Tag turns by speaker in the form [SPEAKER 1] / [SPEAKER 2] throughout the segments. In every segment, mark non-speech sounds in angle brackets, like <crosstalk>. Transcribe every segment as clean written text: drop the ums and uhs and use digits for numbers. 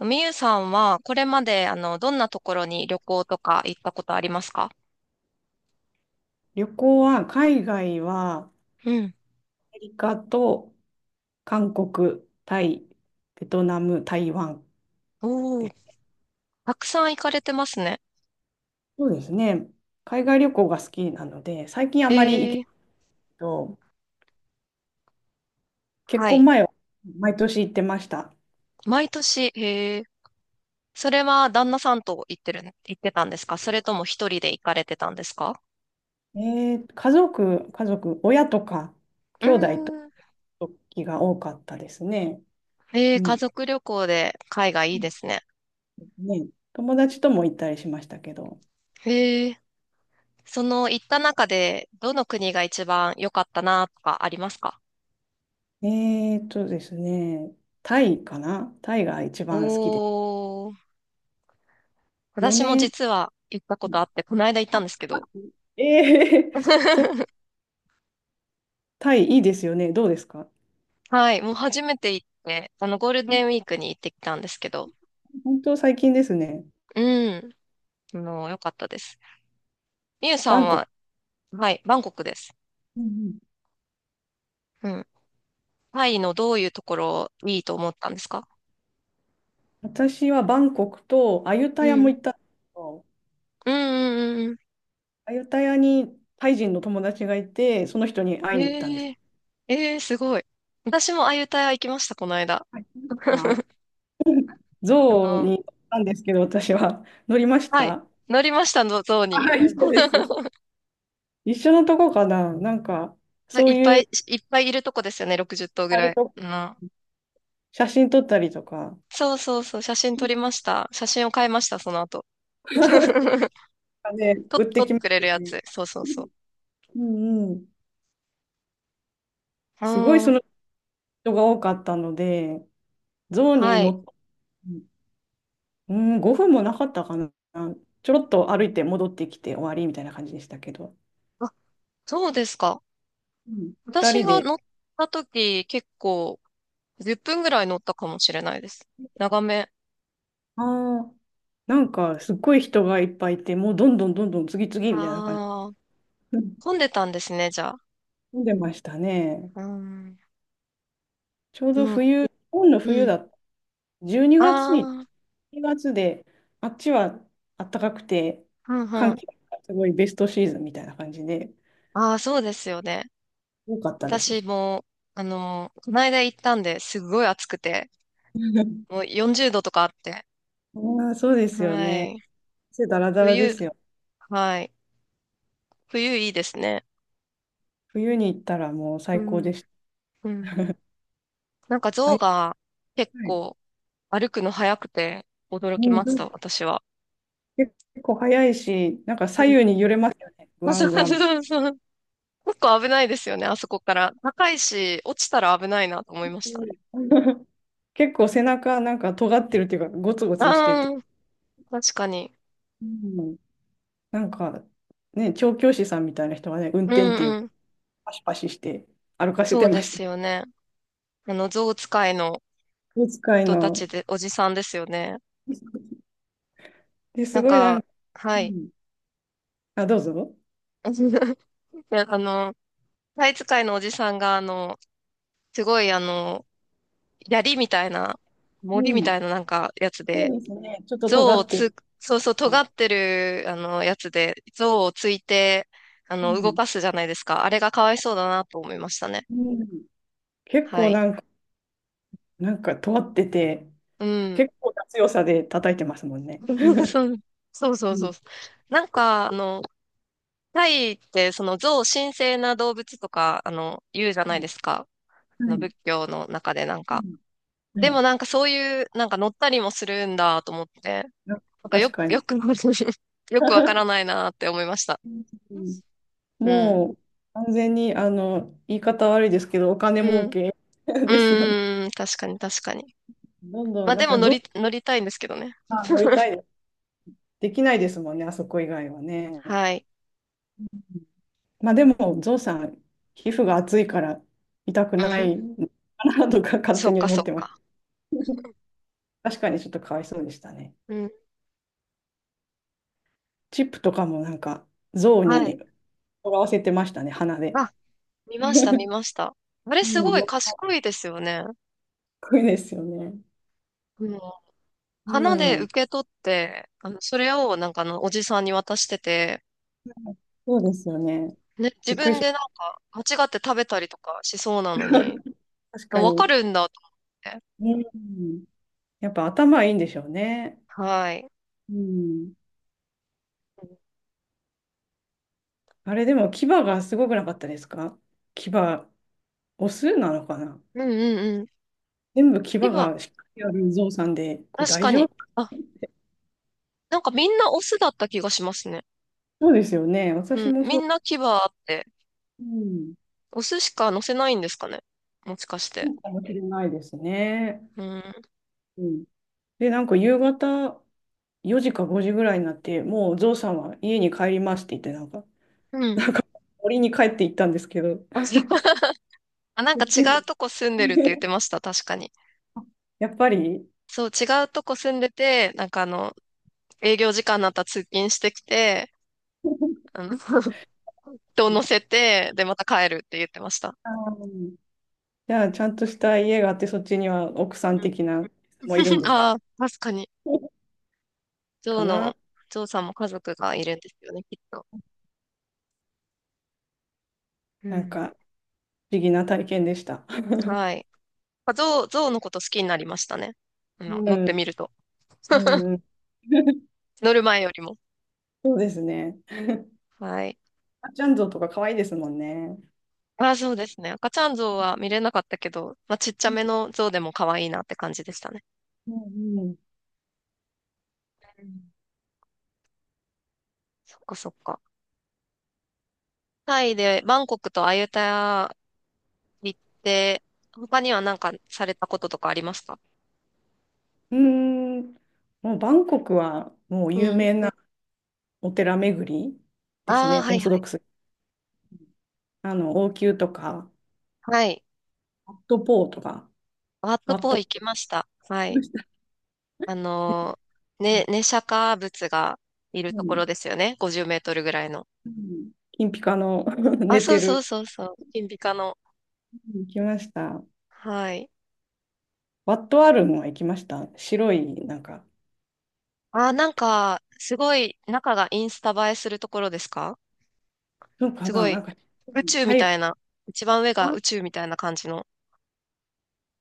[SPEAKER 1] みゆさんは、これまで、どんなところに旅行とか行ったことありますか？
[SPEAKER 2] 旅行は、海外は、ア
[SPEAKER 1] うん。
[SPEAKER 2] メリカと韓国、タイ、ベトナム、台湾で
[SPEAKER 1] おー、
[SPEAKER 2] す。
[SPEAKER 1] たくさん行かれてますね。
[SPEAKER 2] そうですね。海外旅行が好きなので、最近あ
[SPEAKER 1] え
[SPEAKER 2] まり行けないけ
[SPEAKER 1] え、
[SPEAKER 2] ど、結
[SPEAKER 1] は
[SPEAKER 2] 婚
[SPEAKER 1] い。
[SPEAKER 2] 前は毎年行ってました。
[SPEAKER 1] 毎年、ええ、それは旦那さんと行ってたんですか、それとも一人で行かれてたんですか？
[SPEAKER 2] え家族、親とか、
[SPEAKER 1] うー
[SPEAKER 2] 兄弟と
[SPEAKER 1] ん。
[SPEAKER 2] 時が多かったですね。
[SPEAKER 1] ええ、
[SPEAKER 2] う
[SPEAKER 1] 家
[SPEAKER 2] ん。
[SPEAKER 1] 族旅行で海外いい
[SPEAKER 2] そう
[SPEAKER 1] ですね。
[SPEAKER 2] ですね。友達とも行ったりしましたけど。
[SPEAKER 1] ええ、その行った中で、どの国が一番良かったなとかありますか？
[SPEAKER 2] ですね、タイかな、タイが一
[SPEAKER 1] お
[SPEAKER 2] 番好きです。
[SPEAKER 1] ー、私も
[SPEAKER 2] 4年。
[SPEAKER 1] 実は行ったことあって、この間行ったんですけど。
[SPEAKER 2] ええー、
[SPEAKER 1] <laughs>
[SPEAKER 2] タイいいですよね。どうですか？
[SPEAKER 1] はい、もう初めて行って、ゴールデンウィークに行ってきたんですけど、
[SPEAKER 2] 本当最近ですね。
[SPEAKER 1] うん、良かったです。みゆさ
[SPEAKER 2] バ
[SPEAKER 1] ん
[SPEAKER 2] ンコク。
[SPEAKER 1] は、はい、バンコクです。
[SPEAKER 2] うんうん。
[SPEAKER 1] うん。タイのどういうところいいと思ったんですか？
[SPEAKER 2] 私はバンコクとアユ
[SPEAKER 1] う
[SPEAKER 2] タヤも
[SPEAKER 1] ん。
[SPEAKER 2] 行ったんですけど、
[SPEAKER 1] うんうんうんう
[SPEAKER 2] アユタヤにタイ人の友達がいて、その人に
[SPEAKER 1] ん。
[SPEAKER 2] 会いに行ったんで
[SPEAKER 1] え
[SPEAKER 2] す。
[SPEAKER 1] えええ、すごい。私もあゆタヤ行きました、この間。
[SPEAKER 2] はい。あ、
[SPEAKER 1] あ
[SPEAKER 2] ゾウに
[SPEAKER 1] の、
[SPEAKER 2] 乗ったんですけど、私は乗りまし
[SPEAKER 1] はい、
[SPEAKER 2] た。
[SPEAKER 1] 乗りましたの、象に。
[SPEAKER 2] はい、一緒です。
[SPEAKER 1] <laughs>
[SPEAKER 2] 一緒のとこかな、なんか、そ
[SPEAKER 1] い
[SPEAKER 2] う
[SPEAKER 1] っぱ
[SPEAKER 2] いう、
[SPEAKER 1] い、いっぱいいるとこですよね、60頭ぐ
[SPEAKER 2] あ
[SPEAKER 1] ら
[SPEAKER 2] る
[SPEAKER 1] い。
[SPEAKER 2] と、
[SPEAKER 1] うん。
[SPEAKER 2] 写真撮ったりとか、
[SPEAKER 1] そうそうそう、写真撮りました。写真を買いました、その後。
[SPEAKER 2] <laughs>
[SPEAKER 1] <laughs>
[SPEAKER 2] ね、売って
[SPEAKER 1] 取っ
[SPEAKER 2] き
[SPEAKER 1] て
[SPEAKER 2] ま
[SPEAKER 1] くれ
[SPEAKER 2] す
[SPEAKER 1] る
[SPEAKER 2] よ
[SPEAKER 1] や
[SPEAKER 2] ね。
[SPEAKER 1] つ。そうそうそ
[SPEAKER 2] うんうん。
[SPEAKER 1] う。う
[SPEAKER 2] すごい
[SPEAKER 1] ー
[SPEAKER 2] そ
[SPEAKER 1] ん、
[SPEAKER 2] の人が多かったので、象に
[SPEAKER 1] は
[SPEAKER 2] 乗
[SPEAKER 1] い。
[SPEAKER 2] っ、うん、5分もなかったかな。ちょろっと歩いて戻ってきて終わりみたいな感じでしたけど、
[SPEAKER 1] あ、そうですか。
[SPEAKER 2] うん、2
[SPEAKER 1] 私
[SPEAKER 2] 人
[SPEAKER 1] が
[SPEAKER 2] で、
[SPEAKER 1] 乗った時、結構、10分ぐらい乗ったかもしれないです。長め。
[SPEAKER 2] ああ、なんかすっごい人がいっぱいいて、もうどんどんどんどん次々みたいな感じ。
[SPEAKER 1] ああ、
[SPEAKER 2] うん。
[SPEAKER 1] 混んでたんですね、じゃあ。
[SPEAKER 2] 飲んでましたね。
[SPEAKER 1] うーん。
[SPEAKER 2] ちょうど
[SPEAKER 1] もう、
[SPEAKER 2] 冬、日本の
[SPEAKER 1] う
[SPEAKER 2] 冬
[SPEAKER 1] ん。
[SPEAKER 2] だった。12
[SPEAKER 1] あ
[SPEAKER 2] 月にがつ
[SPEAKER 1] あ、
[SPEAKER 2] に、2月で、あっちは暖かくて、
[SPEAKER 1] うんう
[SPEAKER 2] 寒
[SPEAKER 1] ん。
[SPEAKER 2] 気がすごいベストシーズンみたいな感じで、
[SPEAKER 1] ああ、そうですよね。
[SPEAKER 2] 多かったです。
[SPEAKER 1] 私も、この間行ったんで、すごい暑くて、もう
[SPEAKER 2] <laughs>
[SPEAKER 1] 40度とかあって。
[SPEAKER 2] ああ、そうです
[SPEAKER 1] は
[SPEAKER 2] よね。
[SPEAKER 1] い。
[SPEAKER 2] 汗だらだらで
[SPEAKER 1] 冬、
[SPEAKER 2] すよ。
[SPEAKER 1] はい。冬いいですね。
[SPEAKER 2] 冬に行ったらもう
[SPEAKER 1] う
[SPEAKER 2] 最高で
[SPEAKER 1] ん。
[SPEAKER 2] し
[SPEAKER 1] うん。なんか
[SPEAKER 2] た。は
[SPEAKER 1] 象
[SPEAKER 2] い。
[SPEAKER 1] が結
[SPEAKER 2] はい、
[SPEAKER 1] 構歩くの速くて驚き
[SPEAKER 2] うん、
[SPEAKER 1] ま
[SPEAKER 2] そ
[SPEAKER 1] し
[SPEAKER 2] う
[SPEAKER 1] た、
[SPEAKER 2] です。
[SPEAKER 1] 私は。
[SPEAKER 2] 結構早いし、なんか
[SPEAKER 1] うん。
[SPEAKER 2] 左右
[SPEAKER 1] <laughs>
[SPEAKER 2] に揺れますよね。グワ
[SPEAKER 1] そう
[SPEAKER 2] ング
[SPEAKER 1] そ
[SPEAKER 2] ワンみたい
[SPEAKER 1] うそう。結構危ないですよね、あそこから。高いし、落ちたら危ないなと思いましたね。
[SPEAKER 2] な。うん。 <laughs> 結構背中なんか尖ってるっていうか、ゴツゴツしてて。
[SPEAKER 1] ああ、確かに。
[SPEAKER 2] うん、なんかね、調教師さんみたいな人がね、運
[SPEAKER 1] う
[SPEAKER 2] 転っていう、
[SPEAKER 1] んうん。
[SPEAKER 2] パシパシして歩かせ
[SPEAKER 1] そ
[SPEAKER 2] て
[SPEAKER 1] う
[SPEAKER 2] ま
[SPEAKER 1] で
[SPEAKER 2] し
[SPEAKER 1] すよ
[SPEAKER 2] た。
[SPEAKER 1] ね。象使いの
[SPEAKER 2] お使い
[SPEAKER 1] 人た
[SPEAKER 2] の。
[SPEAKER 1] ちで、おじさんですよね。
[SPEAKER 2] で、す
[SPEAKER 1] なん
[SPEAKER 2] ごいな
[SPEAKER 1] か、
[SPEAKER 2] んか、う
[SPEAKER 1] はい。
[SPEAKER 2] ん、あ、どうぞ。
[SPEAKER 1] <laughs> いあの、タイ使いのおじさんが、すごい、槍みたいな、
[SPEAKER 2] う
[SPEAKER 1] 森みた
[SPEAKER 2] ん、
[SPEAKER 1] いななんかやつ
[SPEAKER 2] そう
[SPEAKER 1] で、
[SPEAKER 2] ですね。ちょっと尖
[SPEAKER 1] 象を
[SPEAKER 2] ってる。
[SPEAKER 1] つ、そうそう、尖ってる、やつで、象をついて、
[SPEAKER 2] う
[SPEAKER 1] 動
[SPEAKER 2] ん、
[SPEAKER 1] かすじゃないですか。あれがかわいそうだなと思いましたね。
[SPEAKER 2] うん、結
[SPEAKER 1] は
[SPEAKER 2] 構
[SPEAKER 1] い。
[SPEAKER 2] なんか尖ってて、
[SPEAKER 1] うん。
[SPEAKER 2] 結構な強さで叩いてますもんね。
[SPEAKER 1] <laughs> そうそうそ
[SPEAKER 2] う
[SPEAKER 1] うそ
[SPEAKER 2] ん。
[SPEAKER 1] う。なんか、タイって、その象神聖な動物とか、言うじゃ
[SPEAKER 2] う
[SPEAKER 1] ない
[SPEAKER 2] ん、
[SPEAKER 1] ですか。
[SPEAKER 2] はい。
[SPEAKER 1] 仏教の中でなん
[SPEAKER 2] う
[SPEAKER 1] か。
[SPEAKER 2] ん、は
[SPEAKER 1] で
[SPEAKER 2] い。
[SPEAKER 1] もなんかそういう、なんか乗ったりもするんだと思って、
[SPEAKER 2] なんか、
[SPEAKER 1] なんか
[SPEAKER 2] 確
[SPEAKER 1] よ、
[SPEAKER 2] か
[SPEAKER 1] よ
[SPEAKER 2] に。
[SPEAKER 1] く、<laughs> よくわから
[SPEAKER 2] <laughs>
[SPEAKER 1] ないなって思いました。
[SPEAKER 2] うん。
[SPEAKER 1] うん。
[SPEAKER 2] もう完全に、あの、言い方悪いですけど、お金
[SPEAKER 1] う
[SPEAKER 2] 儲
[SPEAKER 1] ん。
[SPEAKER 2] け <laughs>
[SPEAKER 1] う
[SPEAKER 2] ですよね。
[SPEAKER 1] ーん、確かに確かに。
[SPEAKER 2] どん
[SPEAKER 1] ま
[SPEAKER 2] どん、
[SPEAKER 1] あ
[SPEAKER 2] な
[SPEAKER 1] で
[SPEAKER 2] ん
[SPEAKER 1] も
[SPEAKER 2] かゾウ
[SPEAKER 1] 乗りたいんですけどね。
[SPEAKER 2] さん乗りたい
[SPEAKER 1] <laughs>
[SPEAKER 2] です。できないですもんね、あそこ以外はね。
[SPEAKER 1] はい。
[SPEAKER 2] まあでも、ゾウさん、皮膚が厚いから痛く
[SPEAKER 1] う
[SPEAKER 2] な
[SPEAKER 1] ん。
[SPEAKER 2] いかなとか勝
[SPEAKER 1] そ
[SPEAKER 2] 手
[SPEAKER 1] っ
[SPEAKER 2] に
[SPEAKER 1] か
[SPEAKER 2] 思
[SPEAKER 1] そ
[SPEAKER 2] っ
[SPEAKER 1] っ
[SPEAKER 2] てまし
[SPEAKER 1] か。
[SPEAKER 2] た。<laughs> 確かにちょっとかわいそうでしたね。
[SPEAKER 1] うん。
[SPEAKER 2] チップとかもなんか象
[SPEAKER 1] はい。
[SPEAKER 2] にとらわせてましたね、鼻で。
[SPEAKER 1] あ、見ました見ました。あれ
[SPEAKER 2] う
[SPEAKER 1] すご
[SPEAKER 2] ん、
[SPEAKER 1] い
[SPEAKER 2] かっ
[SPEAKER 1] 賢いですよね。
[SPEAKER 2] こいいですよね。
[SPEAKER 1] うん。
[SPEAKER 2] う
[SPEAKER 1] 花で受
[SPEAKER 2] ん。
[SPEAKER 1] け取って、それをなんかおじさんに渡してて、
[SPEAKER 2] そうですよね。
[SPEAKER 1] ね、自
[SPEAKER 2] びっくり
[SPEAKER 1] 分
[SPEAKER 2] し
[SPEAKER 1] でなんか間違って食べたりとかしそうなのに、
[SPEAKER 2] ました。確か
[SPEAKER 1] わか
[SPEAKER 2] に。
[SPEAKER 1] るんだと思って。
[SPEAKER 2] うん。やっぱ頭いいんでしょうね。
[SPEAKER 1] はい。
[SPEAKER 2] うん。あれでも牙がすごくなかったですか？牙、オスなのかな。
[SPEAKER 1] うんうんうん。
[SPEAKER 2] 全部牙
[SPEAKER 1] 今、
[SPEAKER 2] がしっかりある象さんで、これ
[SPEAKER 1] 確
[SPEAKER 2] 大
[SPEAKER 1] か
[SPEAKER 2] 丈
[SPEAKER 1] に。
[SPEAKER 2] 夫？
[SPEAKER 1] あ、なんかみんなオスだった気がしますね。
[SPEAKER 2] そうですよね。
[SPEAKER 1] う
[SPEAKER 2] 私
[SPEAKER 1] ん、
[SPEAKER 2] も
[SPEAKER 1] み
[SPEAKER 2] そう。
[SPEAKER 1] んな牙あって、
[SPEAKER 2] うん。
[SPEAKER 1] お寿司か乗せないんですかね、もしかし
[SPEAKER 2] そ
[SPEAKER 1] て。
[SPEAKER 2] うかもしれないですね。
[SPEAKER 1] うん。
[SPEAKER 2] うん。で、なんか夕方、4時か5時ぐらいになって、もうゾウさんは家に帰りますって言って、なんか、
[SPEAKER 1] うん。<laughs>
[SPEAKER 2] 森に帰って行ったんですけど、<laughs> こ
[SPEAKER 1] あ、そう。 <laughs> あ、なんか
[SPEAKER 2] っ
[SPEAKER 1] 違
[SPEAKER 2] ち
[SPEAKER 1] う
[SPEAKER 2] に、
[SPEAKER 1] とこ住んでるって言っ
[SPEAKER 2] <laughs>
[SPEAKER 1] てました、確かに。
[SPEAKER 2] やっぱり、
[SPEAKER 1] そう、違うとこ住んでて、なんか営業時間になったら通勤してきて、
[SPEAKER 2] <laughs>
[SPEAKER 1] あの、<laughs> 人を乗せて、で、また帰るって言ってました。
[SPEAKER 2] あー、じゃあ、ちゃんとした家があって、そっちには奥さん
[SPEAKER 1] うん。
[SPEAKER 2] 的な人もいるんで
[SPEAKER 1] <laughs>
[SPEAKER 2] す
[SPEAKER 1] ああ、確かに。ジョ
[SPEAKER 2] か
[SPEAKER 1] ーの、
[SPEAKER 2] な。
[SPEAKER 1] ジョーさんも家族がいるんですよね、きっと。う
[SPEAKER 2] なん
[SPEAKER 1] ん。
[SPEAKER 2] か、不思議な体験でした。
[SPEAKER 1] はい。まあゾウのこと好きになりましたね。
[SPEAKER 2] うん、
[SPEAKER 1] 乗って
[SPEAKER 2] う
[SPEAKER 1] みると。
[SPEAKER 2] んうん、<laughs>
[SPEAKER 1] 乗る前よりも。
[SPEAKER 2] そうですね。
[SPEAKER 1] はい。
[SPEAKER 2] あちゃんゾウとか可愛いですもんね。
[SPEAKER 1] あ、そうですね。赤ちゃん象は見れなかったけど、まあ、ちっちゃ
[SPEAKER 2] うん
[SPEAKER 1] めの象でも可愛いなって感じでしたね。
[SPEAKER 2] うん、
[SPEAKER 1] うん、そっかそっか。タイでバンコクとアユタヤ行って、他には何かされたこととかありますか？
[SPEAKER 2] うーん、もうバンコクはもう有
[SPEAKER 1] うん。
[SPEAKER 2] 名なお寺巡りです
[SPEAKER 1] ああ、
[SPEAKER 2] ね、
[SPEAKER 1] は
[SPEAKER 2] オー
[SPEAKER 1] いは
[SPEAKER 2] ソドッ
[SPEAKER 1] い
[SPEAKER 2] クス。あの、応急とか、
[SPEAKER 1] はい。
[SPEAKER 2] ワットポーとか、
[SPEAKER 1] ワット
[SPEAKER 2] ワッ
[SPEAKER 1] ポー
[SPEAKER 2] ト、
[SPEAKER 1] 行きました。はい。あのね、ネシャカ仏がいる
[SPEAKER 2] う
[SPEAKER 1] とこ
[SPEAKER 2] ん
[SPEAKER 1] ろですよね。50メートルぐらいの。
[SPEAKER 2] うん、金ピカの、 <laughs>
[SPEAKER 1] あ、
[SPEAKER 2] 寝
[SPEAKER 1] そ
[SPEAKER 2] て
[SPEAKER 1] うそう
[SPEAKER 2] る、
[SPEAKER 1] そうそう。金ピカの。
[SPEAKER 2] 行きました。
[SPEAKER 1] はい。
[SPEAKER 2] ワットアルムは行きました。白い、なんか、
[SPEAKER 1] あー、なんか、すごい中がインスタ映えするところですか？
[SPEAKER 2] そう
[SPEAKER 1] す
[SPEAKER 2] かな、
[SPEAKER 1] ご
[SPEAKER 2] な
[SPEAKER 1] い、
[SPEAKER 2] んか、
[SPEAKER 1] 宇宙み
[SPEAKER 2] 入
[SPEAKER 1] た
[SPEAKER 2] る。
[SPEAKER 1] いな、一番上が
[SPEAKER 2] あ、
[SPEAKER 1] 宇宙みたいな感じの。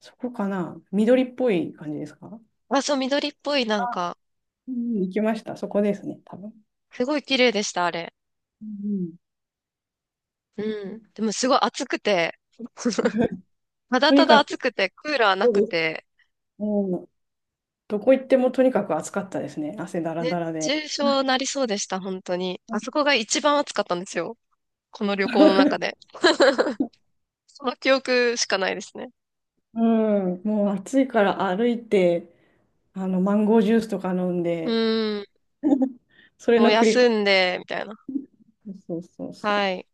[SPEAKER 2] そこかな、緑っぽい感じですか？
[SPEAKER 1] あ、そう、緑っぽい、なん
[SPEAKER 2] あ、
[SPEAKER 1] か、
[SPEAKER 2] うん、行きました。そこですね、多分。
[SPEAKER 1] すごい綺麗でした、あれ。
[SPEAKER 2] うん、
[SPEAKER 1] うん。でもすごい暑くて、<laughs>
[SPEAKER 2] <laughs>
[SPEAKER 1] た
[SPEAKER 2] と
[SPEAKER 1] だ
[SPEAKER 2] に
[SPEAKER 1] ただ
[SPEAKER 2] か
[SPEAKER 1] 暑
[SPEAKER 2] く、
[SPEAKER 1] くて、クーラーな
[SPEAKER 2] そう
[SPEAKER 1] く
[SPEAKER 2] です。
[SPEAKER 1] て、
[SPEAKER 2] うん、どこ行ってもとにかく暑かったですね。汗だら
[SPEAKER 1] 熱
[SPEAKER 2] だらで。
[SPEAKER 1] 中症なりそうでした、本当に。あそこが一番暑かったんですよ、この旅行の中で。
[SPEAKER 2] <laughs>
[SPEAKER 1] その記憶しかないですね。
[SPEAKER 2] うん、<laughs> もう暑いから歩いて、あの、マンゴージュースとか飲ん
[SPEAKER 1] う
[SPEAKER 2] で、
[SPEAKER 1] ん。
[SPEAKER 2] それ
[SPEAKER 1] もう
[SPEAKER 2] の繰り返
[SPEAKER 1] 休
[SPEAKER 2] し。
[SPEAKER 1] んで、みたいな。
[SPEAKER 2] そうそうそ
[SPEAKER 1] は
[SPEAKER 2] う。
[SPEAKER 1] い。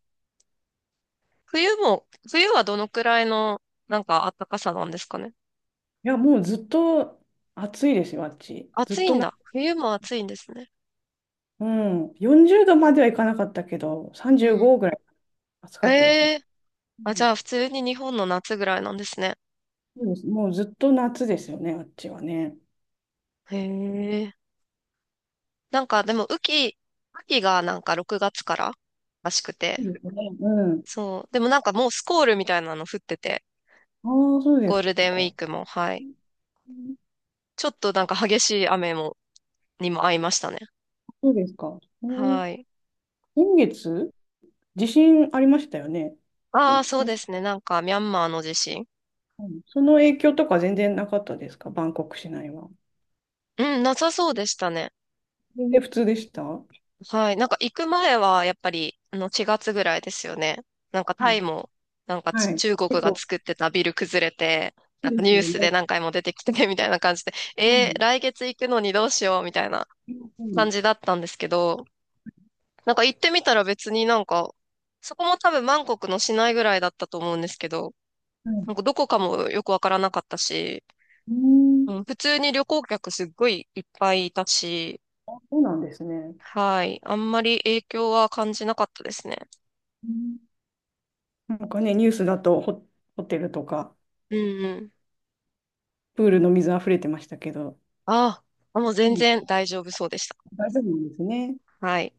[SPEAKER 1] 冬はどのくらいの、なんか暖かさなんですかね？
[SPEAKER 2] いや、もうずっと暑いですよ、あっち。ずっ
[SPEAKER 1] 暑い
[SPEAKER 2] と
[SPEAKER 1] ん
[SPEAKER 2] な、
[SPEAKER 1] だ。冬も暑いんですね。
[SPEAKER 2] うん、40度まではいかなかったけど、
[SPEAKER 1] うん。
[SPEAKER 2] 35ぐらい暑
[SPEAKER 1] え
[SPEAKER 2] かったですね。
[SPEAKER 1] え、
[SPEAKER 2] う
[SPEAKER 1] あ、じ
[SPEAKER 2] ん、
[SPEAKER 1] ゃあ普通に日本の夏ぐらいなんですね。
[SPEAKER 2] そうです。もうずっと夏ですよね、あっちはね。
[SPEAKER 1] へえ。なんかでも雨季がなんか6月かららしく
[SPEAKER 2] そ
[SPEAKER 1] て。
[SPEAKER 2] うですね。うん。
[SPEAKER 1] そう。でもなんかもうスコールみたいなの降ってて、
[SPEAKER 2] ああ、そうで
[SPEAKER 1] ゴー
[SPEAKER 2] す
[SPEAKER 1] ルデンウィ
[SPEAKER 2] か。
[SPEAKER 1] ークも、は
[SPEAKER 2] う
[SPEAKER 1] い。
[SPEAKER 2] ん、
[SPEAKER 1] ちょっとなんか激しいにも合いましたね。
[SPEAKER 2] そうですか。うん、
[SPEAKER 1] はい。
[SPEAKER 2] 先月、地震ありましたよね。
[SPEAKER 1] ああ、そう
[SPEAKER 2] 先
[SPEAKER 1] で
[SPEAKER 2] 生、
[SPEAKER 1] すね。なんかミャンマーの地震。
[SPEAKER 2] うん、その影響とか全然なかったですか、バンコク市内は。
[SPEAKER 1] うん、なさそうでしたね。
[SPEAKER 2] 全然普通でした？
[SPEAKER 1] はい。なんか行く前は、やっぱり、4月ぐらいですよね。なんか
[SPEAKER 2] う
[SPEAKER 1] タイ
[SPEAKER 2] ん。
[SPEAKER 1] も、なんか
[SPEAKER 2] はい。
[SPEAKER 1] 中国
[SPEAKER 2] 結
[SPEAKER 1] が
[SPEAKER 2] 構。
[SPEAKER 1] 作ってたビル崩れて、
[SPEAKER 2] い
[SPEAKER 1] な
[SPEAKER 2] い
[SPEAKER 1] んか
[SPEAKER 2] で
[SPEAKER 1] ニ
[SPEAKER 2] す
[SPEAKER 1] ュー
[SPEAKER 2] よ
[SPEAKER 1] スで
[SPEAKER 2] ね。
[SPEAKER 1] 何回も出てきててみたいな感じで、
[SPEAKER 2] うん。
[SPEAKER 1] 来月行くのにどうしよう、みたいな
[SPEAKER 2] う
[SPEAKER 1] 感
[SPEAKER 2] ん。
[SPEAKER 1] じだったんですけど、なんか行ってみたら別になんか、そこも多分バンコクの市内ぐらいだったと思うんですけど、
[SPEAKER 2] はい。
[SPEAKER 1] なんかどこかもよくわからなかったし、
[SPEAKER 2] うー
[SPEAKER 1] うん、
[SPEAKER 2] ん。
[SPEAKER 1] 普通に旅行客すっごいいっぱいいたし、
[SPEAKER 2] あ、そうなんですね。
[SPEAKER 1] はい。あんまり影響は感じなかったですね。
[SPEAKER 2] うん。なんかね、ニュースだと、ホテルとか、
[SPEAKER 1] うんうん。
[SPEAKER 2] プールの水溢れてましたけど、
[SPEAKER 1] ああ、もう
[SPEAKER 2] う
[SPEAKER 1] 全
[SPEAKER 2] ん。
[SPEAKER 1] 然大丈夫そうでした。
[SPEAKER 2] 大丈夫なんですね。
[SPEAKER 1] はい。